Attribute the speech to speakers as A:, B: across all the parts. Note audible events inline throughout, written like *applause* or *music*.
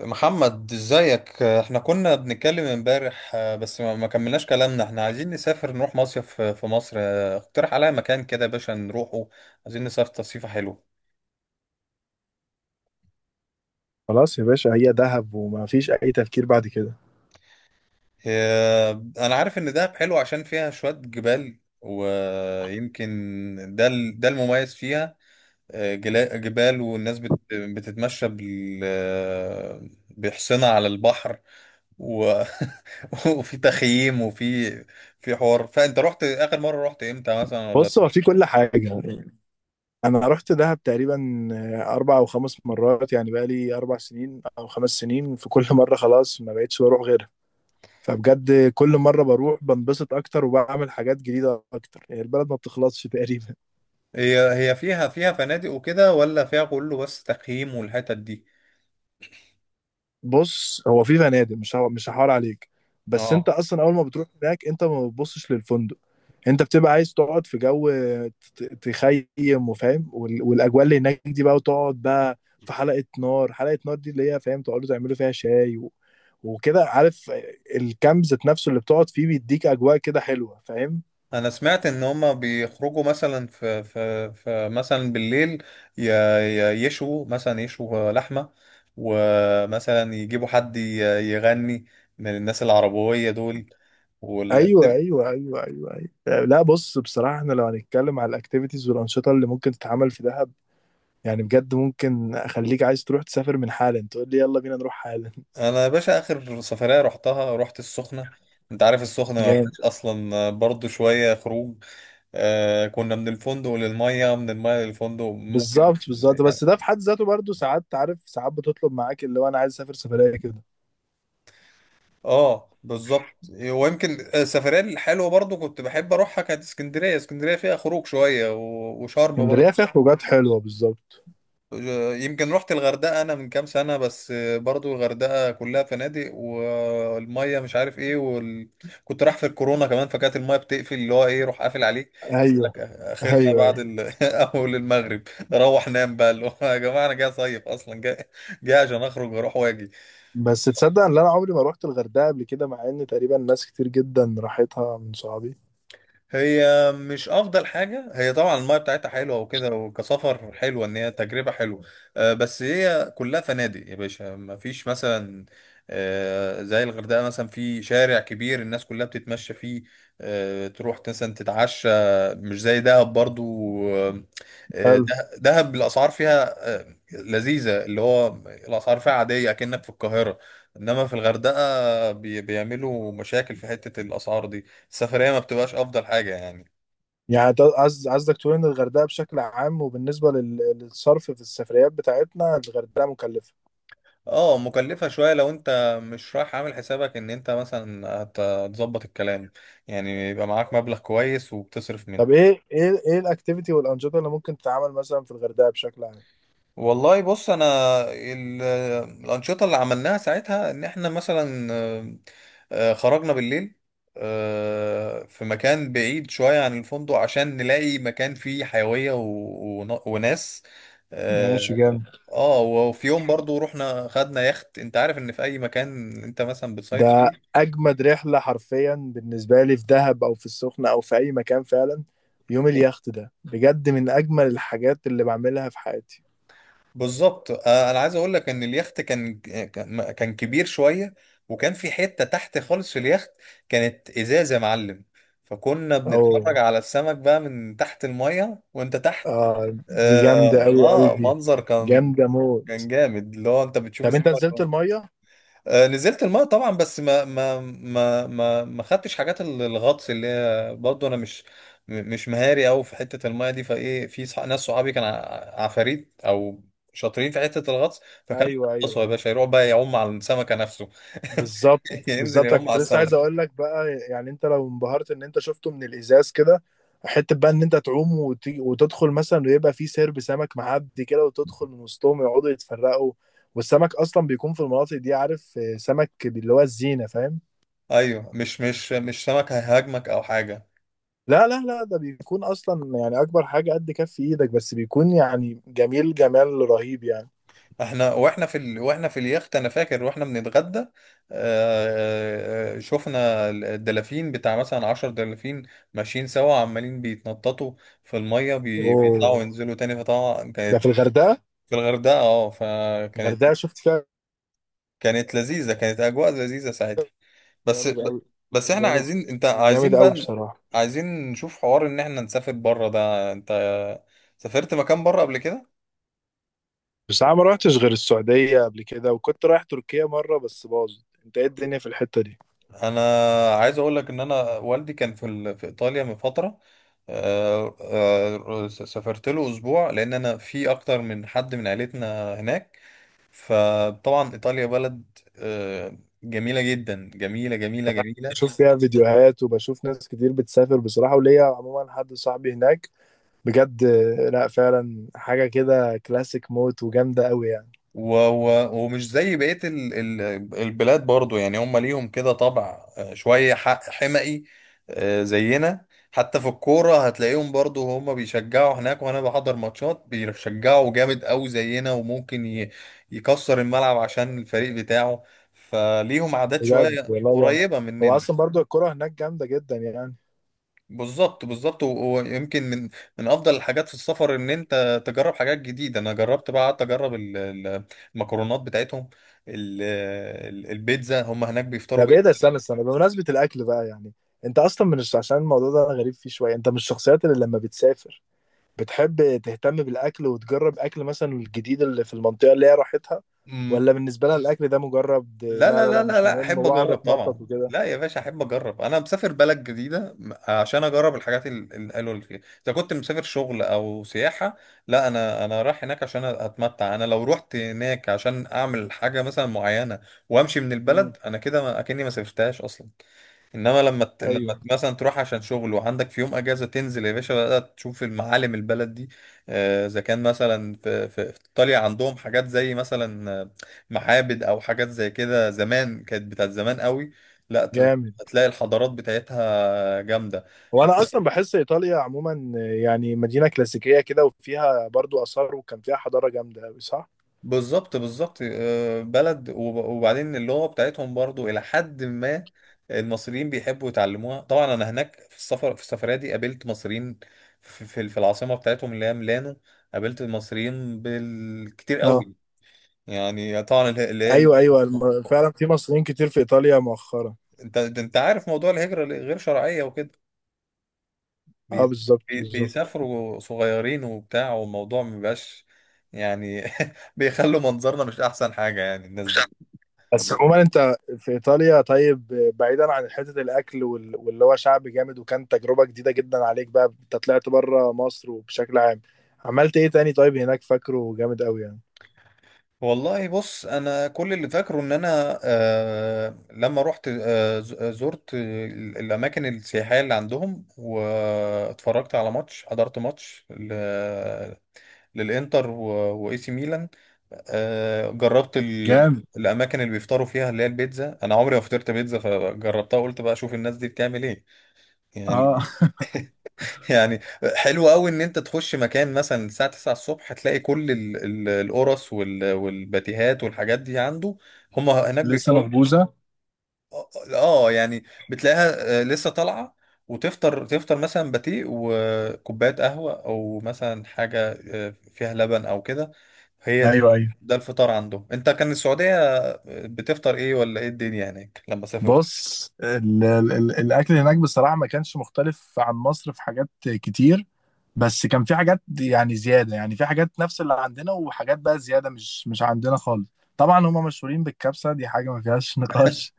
A: محمد ازيك، احنا كنا بنتكلم امبارح. بس ما كملناش كلامنا. احنا عايزين نسافر نروح مصيف في مصر. اقترح عليا مكان كده يا باشا نروحه. عايزين نسافر تصيفة حلوة.
B: خلاص يا باشا، هي دهب وما فيش اي تفكير بعد كده.
A: آه، انا عارف ان دهب حلو عشان فيها شوية جبال ويمكن ده المميز فيها. جبال، والناس بتتمشى بحصنة على البحر و... *laughs* وفي تخييم وفي في حوار. فانت رحت اخر مره، رحت امتى مثلا ولا؟
B: بص، هو في كل حاجه يعني. انا رحت دهب تقريبا 4 او 5 مرات، يعني بقى لي 4 سنين او 5 سنين. في كل *laughs* مره خلاص ما بقتش بروح غيرها. فبجد كل مره بروح بنبسط اكتر وبعمل حاجات جديده اكتر، يعني البلد ما بتخلصش تقريبا.
A: هي هي فيها فنادق وكده، ولا فيها كله بس تخييم والحتت دي؟
B: بص، هو في فنادق، مش هو مش هحاول عليك. بس انت
A: اه،
B: اصلا اول ما بتروح هناك، انت ما بتبصش للفندق. انت بتبقى عايز تقعد في جو، تخيم وفاهم، والاجواء اللي هناك دي بقى، وتقعد بقى في حلقة نار. حلقة نار دي اللي هي فاهم تقعدوا تعملوا فيها شاي وكده، عارف. الكامب ذات نفسه اللي بتقعد فيه بيديك اجواء كده حلوة، فاهم.
A: انا سمعت ان هما بيخرجوا مثلا في مثلا بالليل. يشوا مثلا يشوا لحمه، ومثلا يجيبوا حد يغني من الناس العربويه دول.
B: ايوه، ايوه، ايوه، ايوه، ايوه. لا، بص، بصراحة احنا لو هنتكلم على الاكتيفيتيز والانشطة اللي ممكن تتعمل في دهب، يعني بجد ممكن اخليك عايز تروح تسافر من حالا، تقول لي يلا بينا نروح حالا.
A: انا يا باشا اخر سفريه رحتها، رحت السخنه. انت عارف السخنه ما
B: جامد.
A: فيهاش اصلا برضو شويه خروج. كنا من الفندق للميه، من الميه للفندق، ممكن
B: بالظبط، بالظبط،
A: يعني.
B: بس ده في حد ذاته برضه ساعات، عارف، ساعات بتطلب معاك اللي هو انا عايز اسافر سفريه كده.
A: اه بالظبط. ويمكن السفريه الحلوه برضو كنت بحب اروحها كانت اسكندريه. اسكندريه فيها خروج شويه، وشرم برضو.
B: اسكندريه فيها خروجات حلوه، بالظبط.
A: يمكن رحت الغردقه انا من كام سنه، بس برضو الغردقه كلها فنادق، والميه مش عارف ايه كنت رايح في الكورونا كمان، فكانت الميه بتقفل، اللي هو ايه، روح قافل عليك.
B: ايوه،
A: اخرنا
B: ايوه،
A: بعد
B: ايوه.
A: *laughs* اول المغرب روح نام بقى، اللي هو يا جماعه انا جاي صيف اصلا، جاي جاي عشان اخرج واروح واجي.
B: بس تصدق ان انا عمري ما روحت الغردقه قبل كده، مع ان تقريبا ناس كتير جدا راحتها من صحابي.
A: هي مش افضل حاجه هي، طبعا المايه بتاعتها حلوه وكده، وكسفر حلوه ان هي تجربه حلوه. بس هي كلها فنادق يا باشا، ما فيش مثلا زي الغردقه مثلا، في شارع كبير الناس كلها بتتمشى فيه، تروح مثلا تتعشى، مش زي دهب برضو. آه،
B: حلو.
A: دهب الاسعار فيها لذيذه، اللي هو الاسعار فيها عاديه اكنك في القاهره. انما في الغردقه بيعملوا مشاكل في حته الاسعار دي. السفرية ما بتبقاش أفضل حاجة يعني.
B: يعني قصدك تقول ان الغردقه بشكل عام وبالنسبه للصرف في السفريات بتاعتنا الغردقه مكلفه.
A: اه، مكلفة شوية لو انت مش رايح عامل حسابك ان انت مثلا هتظبط الكلام، يعني يبقى معاك مبلغ كويس وبتصرف
B: طب
A: منه.
B: ايه الاكتيفيتي والانشطه اللي ممكن تتعمل مثلا في الغردقه بشكل عام؟
A: والله بص انا، ال- الأنشطة اللي عملناها ساعتها ان احنا مثلا خرجنا بالليل في مكان بعيد شوية عن الفندق عشان نلاقي مكان فيه حيوية وناس.
B: ماشي،
A: آه،
B: جامد.
A: اه وفي يوم برضو رحنا خدنا يخت. انت عارف ان في اي مكان انت مثلا بتصيف
B: ده
A: فيه.
B: اجمد رحله حرفيا بالنسبه لي، في دهب او في السخنه او في اي مكان، فعلا يوم
A: ب-
B: اليخت ده بجد من اجمل الحاجات اللي بعملها في حياتي.
A: بالظبط. انا عايز اقول لك ان اليخت كان كبير شوية، وكان في حتة تحت خالص في اليخت كانت ازاز يا معلم، فكنا بنتفرج
B: او،
A: على السمك بقى من تحت المية وانت تحت.
B: آه، دي جامده
A: اه,
B: قوي قوي دي،
A: منظر كان
B: جامده موت.
A: كان جامد، اللي هو انت بتشوف
B: طب انت
A: السمك.
B: نزلت الميه؟
A: نزلت الماء طبعا، بس ما خدتش حاجات الغطس، اللي هي برضه انا مش مهاري قوي في حته الماء دي، فايه في ناس صحابي كان عفاريت او شاطرين في حته الغطس، فكانوا
B: ايوه،
A: يغطسوا يا
B: ايوه،
A: باشا، يروح بقى يعوم على السمكه نفسه *laughs*
B: بالظبط،
A: ينزل
B: بالظبط. انا
A: يعوم على
B: كنت لسه عايز
A: السمكه.
B: اقول لك بقى، يعني انت لو انبهرت ان انت شفته من الازاز كده، حته بقى ان انت تعوم وتدخل مثلا، ويبقى في سرب سمك معدي كده وتدخل من وسطهم، يقعدوا يتفرقوا. والسمك اصلا بيكون في المناطق دي، عارف، سمك اللي هو الزينه، فاهم.
A: ايوه، مش سمكه هيهاجمك او حاجه.
B: لا، لا، لا، ده بيكون اصلا يعني اكبر حاجه قد كف ايدك، بس بيكون يعني جميل جمال رهيب يعني.
A: احنا واحنا في اليخت انا فاكر واحنا بنتغدى، شفنا الدلافين بتاع مثلا 10 دلافين ماشيين سوا عمالين بيتنططوا في المية، بيطلعوا
B: اوه،
A: وينزلوا تاني، فطبعا
B: ده
A: كانت
B: في الغردقه؟
A: في الغردقة. اه، فكانت
B: الغردقه شفت فيها.
A: كانت لذيذة، كانت أجواء لذيذة ساعتها. بس
B: جامد قوي.
A: بس احنا
B: جامد.
A: عايزين، انت
B: جامد
A: عايزين
B: قوي
A: بقى،
B: بصراحه.
A: عايزين نشوف حوار ان احنا نسافر بره. ده انت سافرت مكان بره قبل كده؟
B: بس انا ما رحتش غير السعودية قبل كده، وكنت رايح تركيا مرة بس باظت. انت ايه الدنيا في الحتة دي؟
A: انا عايز اقول لك ان انا والدي كان في ايطاليا من فتره، سافرت له اسبوع لان انا في اكتر من حد من عيلتنا هناك، فطبعا ايطاليا بلد آه، جميله جدا، جميله جميله جميله،
B: بشوف فيها فيديوهات وبشوف ناس كتير بتسافر بصراحة، وليا عموما حد صاحبي هناك، بجد. لا، فعلا حاجة كده كلاسيك موت وجامدة قوي يعني.
A: ومش زي بقية البلاد برضو. يعني هم ليهم كده طبع شوية حمقي زينا، حتى في الكورة هتلاقيهم برضو، هم بيشجعوا هناك، وأنا بحضر ماتشات بيشجعوا جامد أوي زينا، وممكن يكسر الملعب عشان الفريق بتاعه، فليهم عادات
B: بجد
A: شوية
B: والله، يعني
A: قريبة
B: هو
A: مننا.
B: اصلا برضو الكرة هناك جامدة جدا يعني.
A: بالظبط بالظبط. ويمكن من افضل الحاجات في السفر ان انت تجرب حاجات جديده. انا جربت بقى، قعدت اجرب المكرونات بتاعتهم، ال- البيتزا، هم هناك بيفطروا
B: طب ايه ده،
A: بيتزا.
B: استنى استنى، بمناسبة الاكل بقى، يعني انت اصلا عشان الموضوع ده انا غريب فيه شوية، انت من الشخصيات اللي لما بتسافر بتحب تهتم بالأكل وتجرب أكل مثلا الجديد اللي في المنطقة اللي هي راحتها،
A: أمم،
B: ولا بالنسبة لها الأكل ده مجرد،
A: لا
B: لا،
A: لا
B: لا،
A: لا
B: لا،
A: لا
B: مش
A: لا،
B: مهم،
A: احب
B: وأقعد
A: اجرب
B: أتنطط
A: طبعا،
B: وكده؟
A: لا يا باشا احب اجرب. انا مسافر بلد جديده عشان اجرب الحاجات الحلوه اللي فيها، اذا كنت مسافر شغل او سياحه. لا، انا رايح هناك عشان اتمتع. انا لو رحت هناك عشان اعمل حاجه مثلا معينه وامشي من
B: امم.
A: البلد، انا كده اكني ما سافرتهاش اصلا. انما لما ت... لما
B: أيوه،
A: ت- مثلا تروح عشان شغل وعندك في يوم اجازه، تنزل يا باشا بقى تشوف المعالم البلد دي. اذا كان مثلا في ايطاليا عندهم حاجات زي مثلا معابد او حاجات زي كده، زمان كانت، بتاعت زمان قوي. لا ت...
B: جامد.
A: هتلاقي الحضارات بتاعتها جامده.
B: وأنا أصلا بحس إيطاليا عموما يعني مدينة كلاسيكية كده، وفيها برضو آثار وكان فيها حضارة جامدة أوي، صح؟
A: بالظبط بالظبط. بلد، وبعدين اللغة بتاعتهم برضو، إلى حد ما المصريين بيحبوا يتعلموها. طبعا أنا هناك في السفرية دي قابلت مصريين في العاصمة بتاعتهم اللي هي ميلانو، قابلت المصريين بالكتير
B: اه،
A: قوي. يعني طبعا اللي
B: ايوه، ايوه،
A: هي،
B: فعلا في مصريين كتير في ايطاليا مؤخرا.
A: أنت ده، أنت عارف موضوع الهجرة اللي غير شرعية وكده،
B: اه،
A: بي-
B: بالظبط، بالظبط.
A: بيسافروا صغيرين وبتاع، والموضوع مبيبقاش يعني *laughs* بيخلوا منظرنا مش أحسن حاجة يعني الناس دي.
B: بس عموما انت في ايطاليا، طيب، بعيدا عن حته الاكل واللي هو شعب جامد وكان تجربه جديده جدا عليك، بقى انت طلعت بره مصر وبشكل عام، عملت ايه تاني طيب هناك فاكره جامد قوي يعني؟
A: والله بص، انا كل اللي فاكره ان انا آه لما رحت آه ز- آه، زرت الاماكن السياحيه اللي عندهم، واتفرجت على ماتش، حضرت ماتش للانتر واي سي ميلان. جربت
B: جامد،
A: الاماكن اللي بيفطروا فيها اللي هي البيتزا، انا عمري ما فطرت بيتزا فجربتها، قلت بقى اشوف الناس دي بتعمل ايه
B: اه.
A: يعني *laughs* يعني. حلو قوي ان انت تخش مكان مثلا الساعة 9 الصبح تلاقي كل القرص والباتيهات والحاجات دي عنده، هم
B: *laughs*
A: هناك
B: لسه
A: بيفطروا.
B: مخبوزه.
A: يعني بتلاقيها لسه طالعة، وتفطر مثلا باتيه وكوباية قهوة، او مثلا حاجة فيها لبن او كده. هي
B: ايوه،
A: دي،
B: ايوه.
A: الفطار عندهم. انت كان السعودية بتفطر ايه، ولا ايه الدنيا هناك لما سافرت؟
B: بص ال ال ال الاكل هناك بصراحه ما كانش مختلف عن مصر في حاجات كتير. بس كان في حاجات يعني زياده، يعني في حاجات نفس اللي عندنا، وحاجات بقى زياده مش عندنا خالص. طبعا هم مشهورين بالكبسه، دي حاجه ما فيهاش *laughs* نقاش.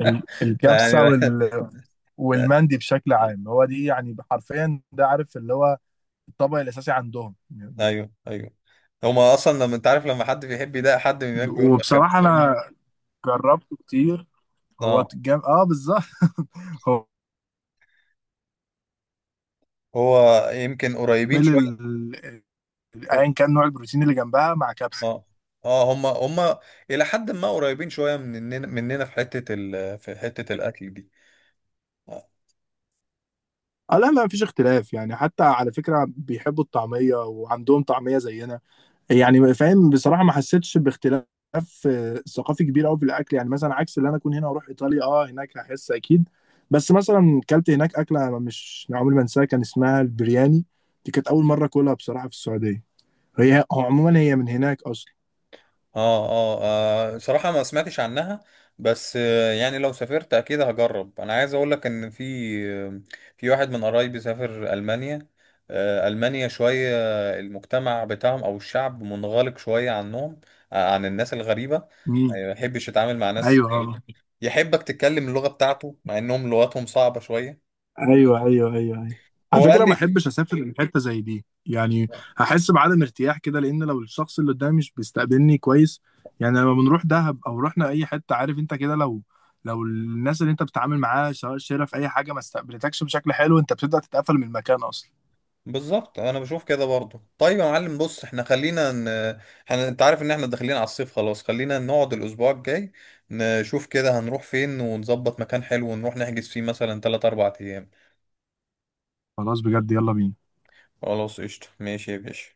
A: ده يعني
B: الكبسه
A: *laughs*
B: والمندي بشكل عام، هو دي يعني حرفيا، ده عارف اللي هو الطبق الاساسي عندهم.
A: ايوه ايوه، هما اصلا لما انت عارف، لما حد بيحب يضايق حد من هناك بيقول لك
B: وبصراحه
A: كابتن.
B: انا جربته كتير.
A: اه،
B: اه، بالظبط. *laughs* هو
A: هو يمكن قريبين
B: مل
A: شويه.
B: ايا كان نوع البروتين اللي جنبها مع كبسه.
A: اه اه، هما الى حد ما قريبين شويه مننا في حته في حته الاكل دي.
B: اه، لا، لا، مفيش اختلاف، يعني حتى على فكرة بيحبوا الطعمية وعندهم طعمية زينا، يعني فاهم بصراحة ما حسيتش باختلاف ثقافي كبير قوي في الاكل، يعني مثلا عكس اللي انا اكون هنا واروح ايطاليا هناك هحس اكيد. بس مثلا كلت هناك اكله أنا مش عمري ما انساها، كان اسمها البرياني. دي كانت اول مره اكلها بصراحه، في السعوديه. هو عموما هي من هناك اصلا.
A: اه اه، صراحة ما سمعتش عنها، بس يعني لو سافرت اكيد هجرب. انا عايز اقول لك ان آه، في واحد من قرايبي سافر المانيا. المانيا شوية، المجتمع بتاعهم او الشعب منغلق شوية عنهم، عن الناس الغريبة،
B: امم.
A: يعني ما يحبش يتعامل مع ناس غريبة.
B: ايوه،
A: يحبك تتكلم اللغة بتاعته، مع انهم لغتهم صعبة شوية،
B: ايوه، ايوه، ايوه، ايوه. على
A: هو قال
B: فكره ما
A: لي.
B: احبش اسافر لحته زي دي يعني، هحس بعدم ارتياح كده. لان لو الشخص اللي قدامي مش بيستقبلني كويس، يعني لما بنروح دهب او رحنا اي حته، عارف انت كده، لو الناس اللي انت بتتعامل معاها سواء شرف اي حاجه ما استقبلتكش بشكل حلو، انت بتبدا تتقفل من المكان اصلا.
A: بالظبط انا بشوف كده برضو. طيب يا معلم، بص احنا خلينا احنا انت عارف ان احنا داخلين على الصيف خلاص، خلينا نقعد الاسبوع الجاي نشوف كده هنروح فين، ونظبط مكان حلو ونروح نحجز فيه مثلا 3 4 ايام.
B: خلاص بجد، يلا بينا.
A: خلاص قشطة، ماشي يا باشا.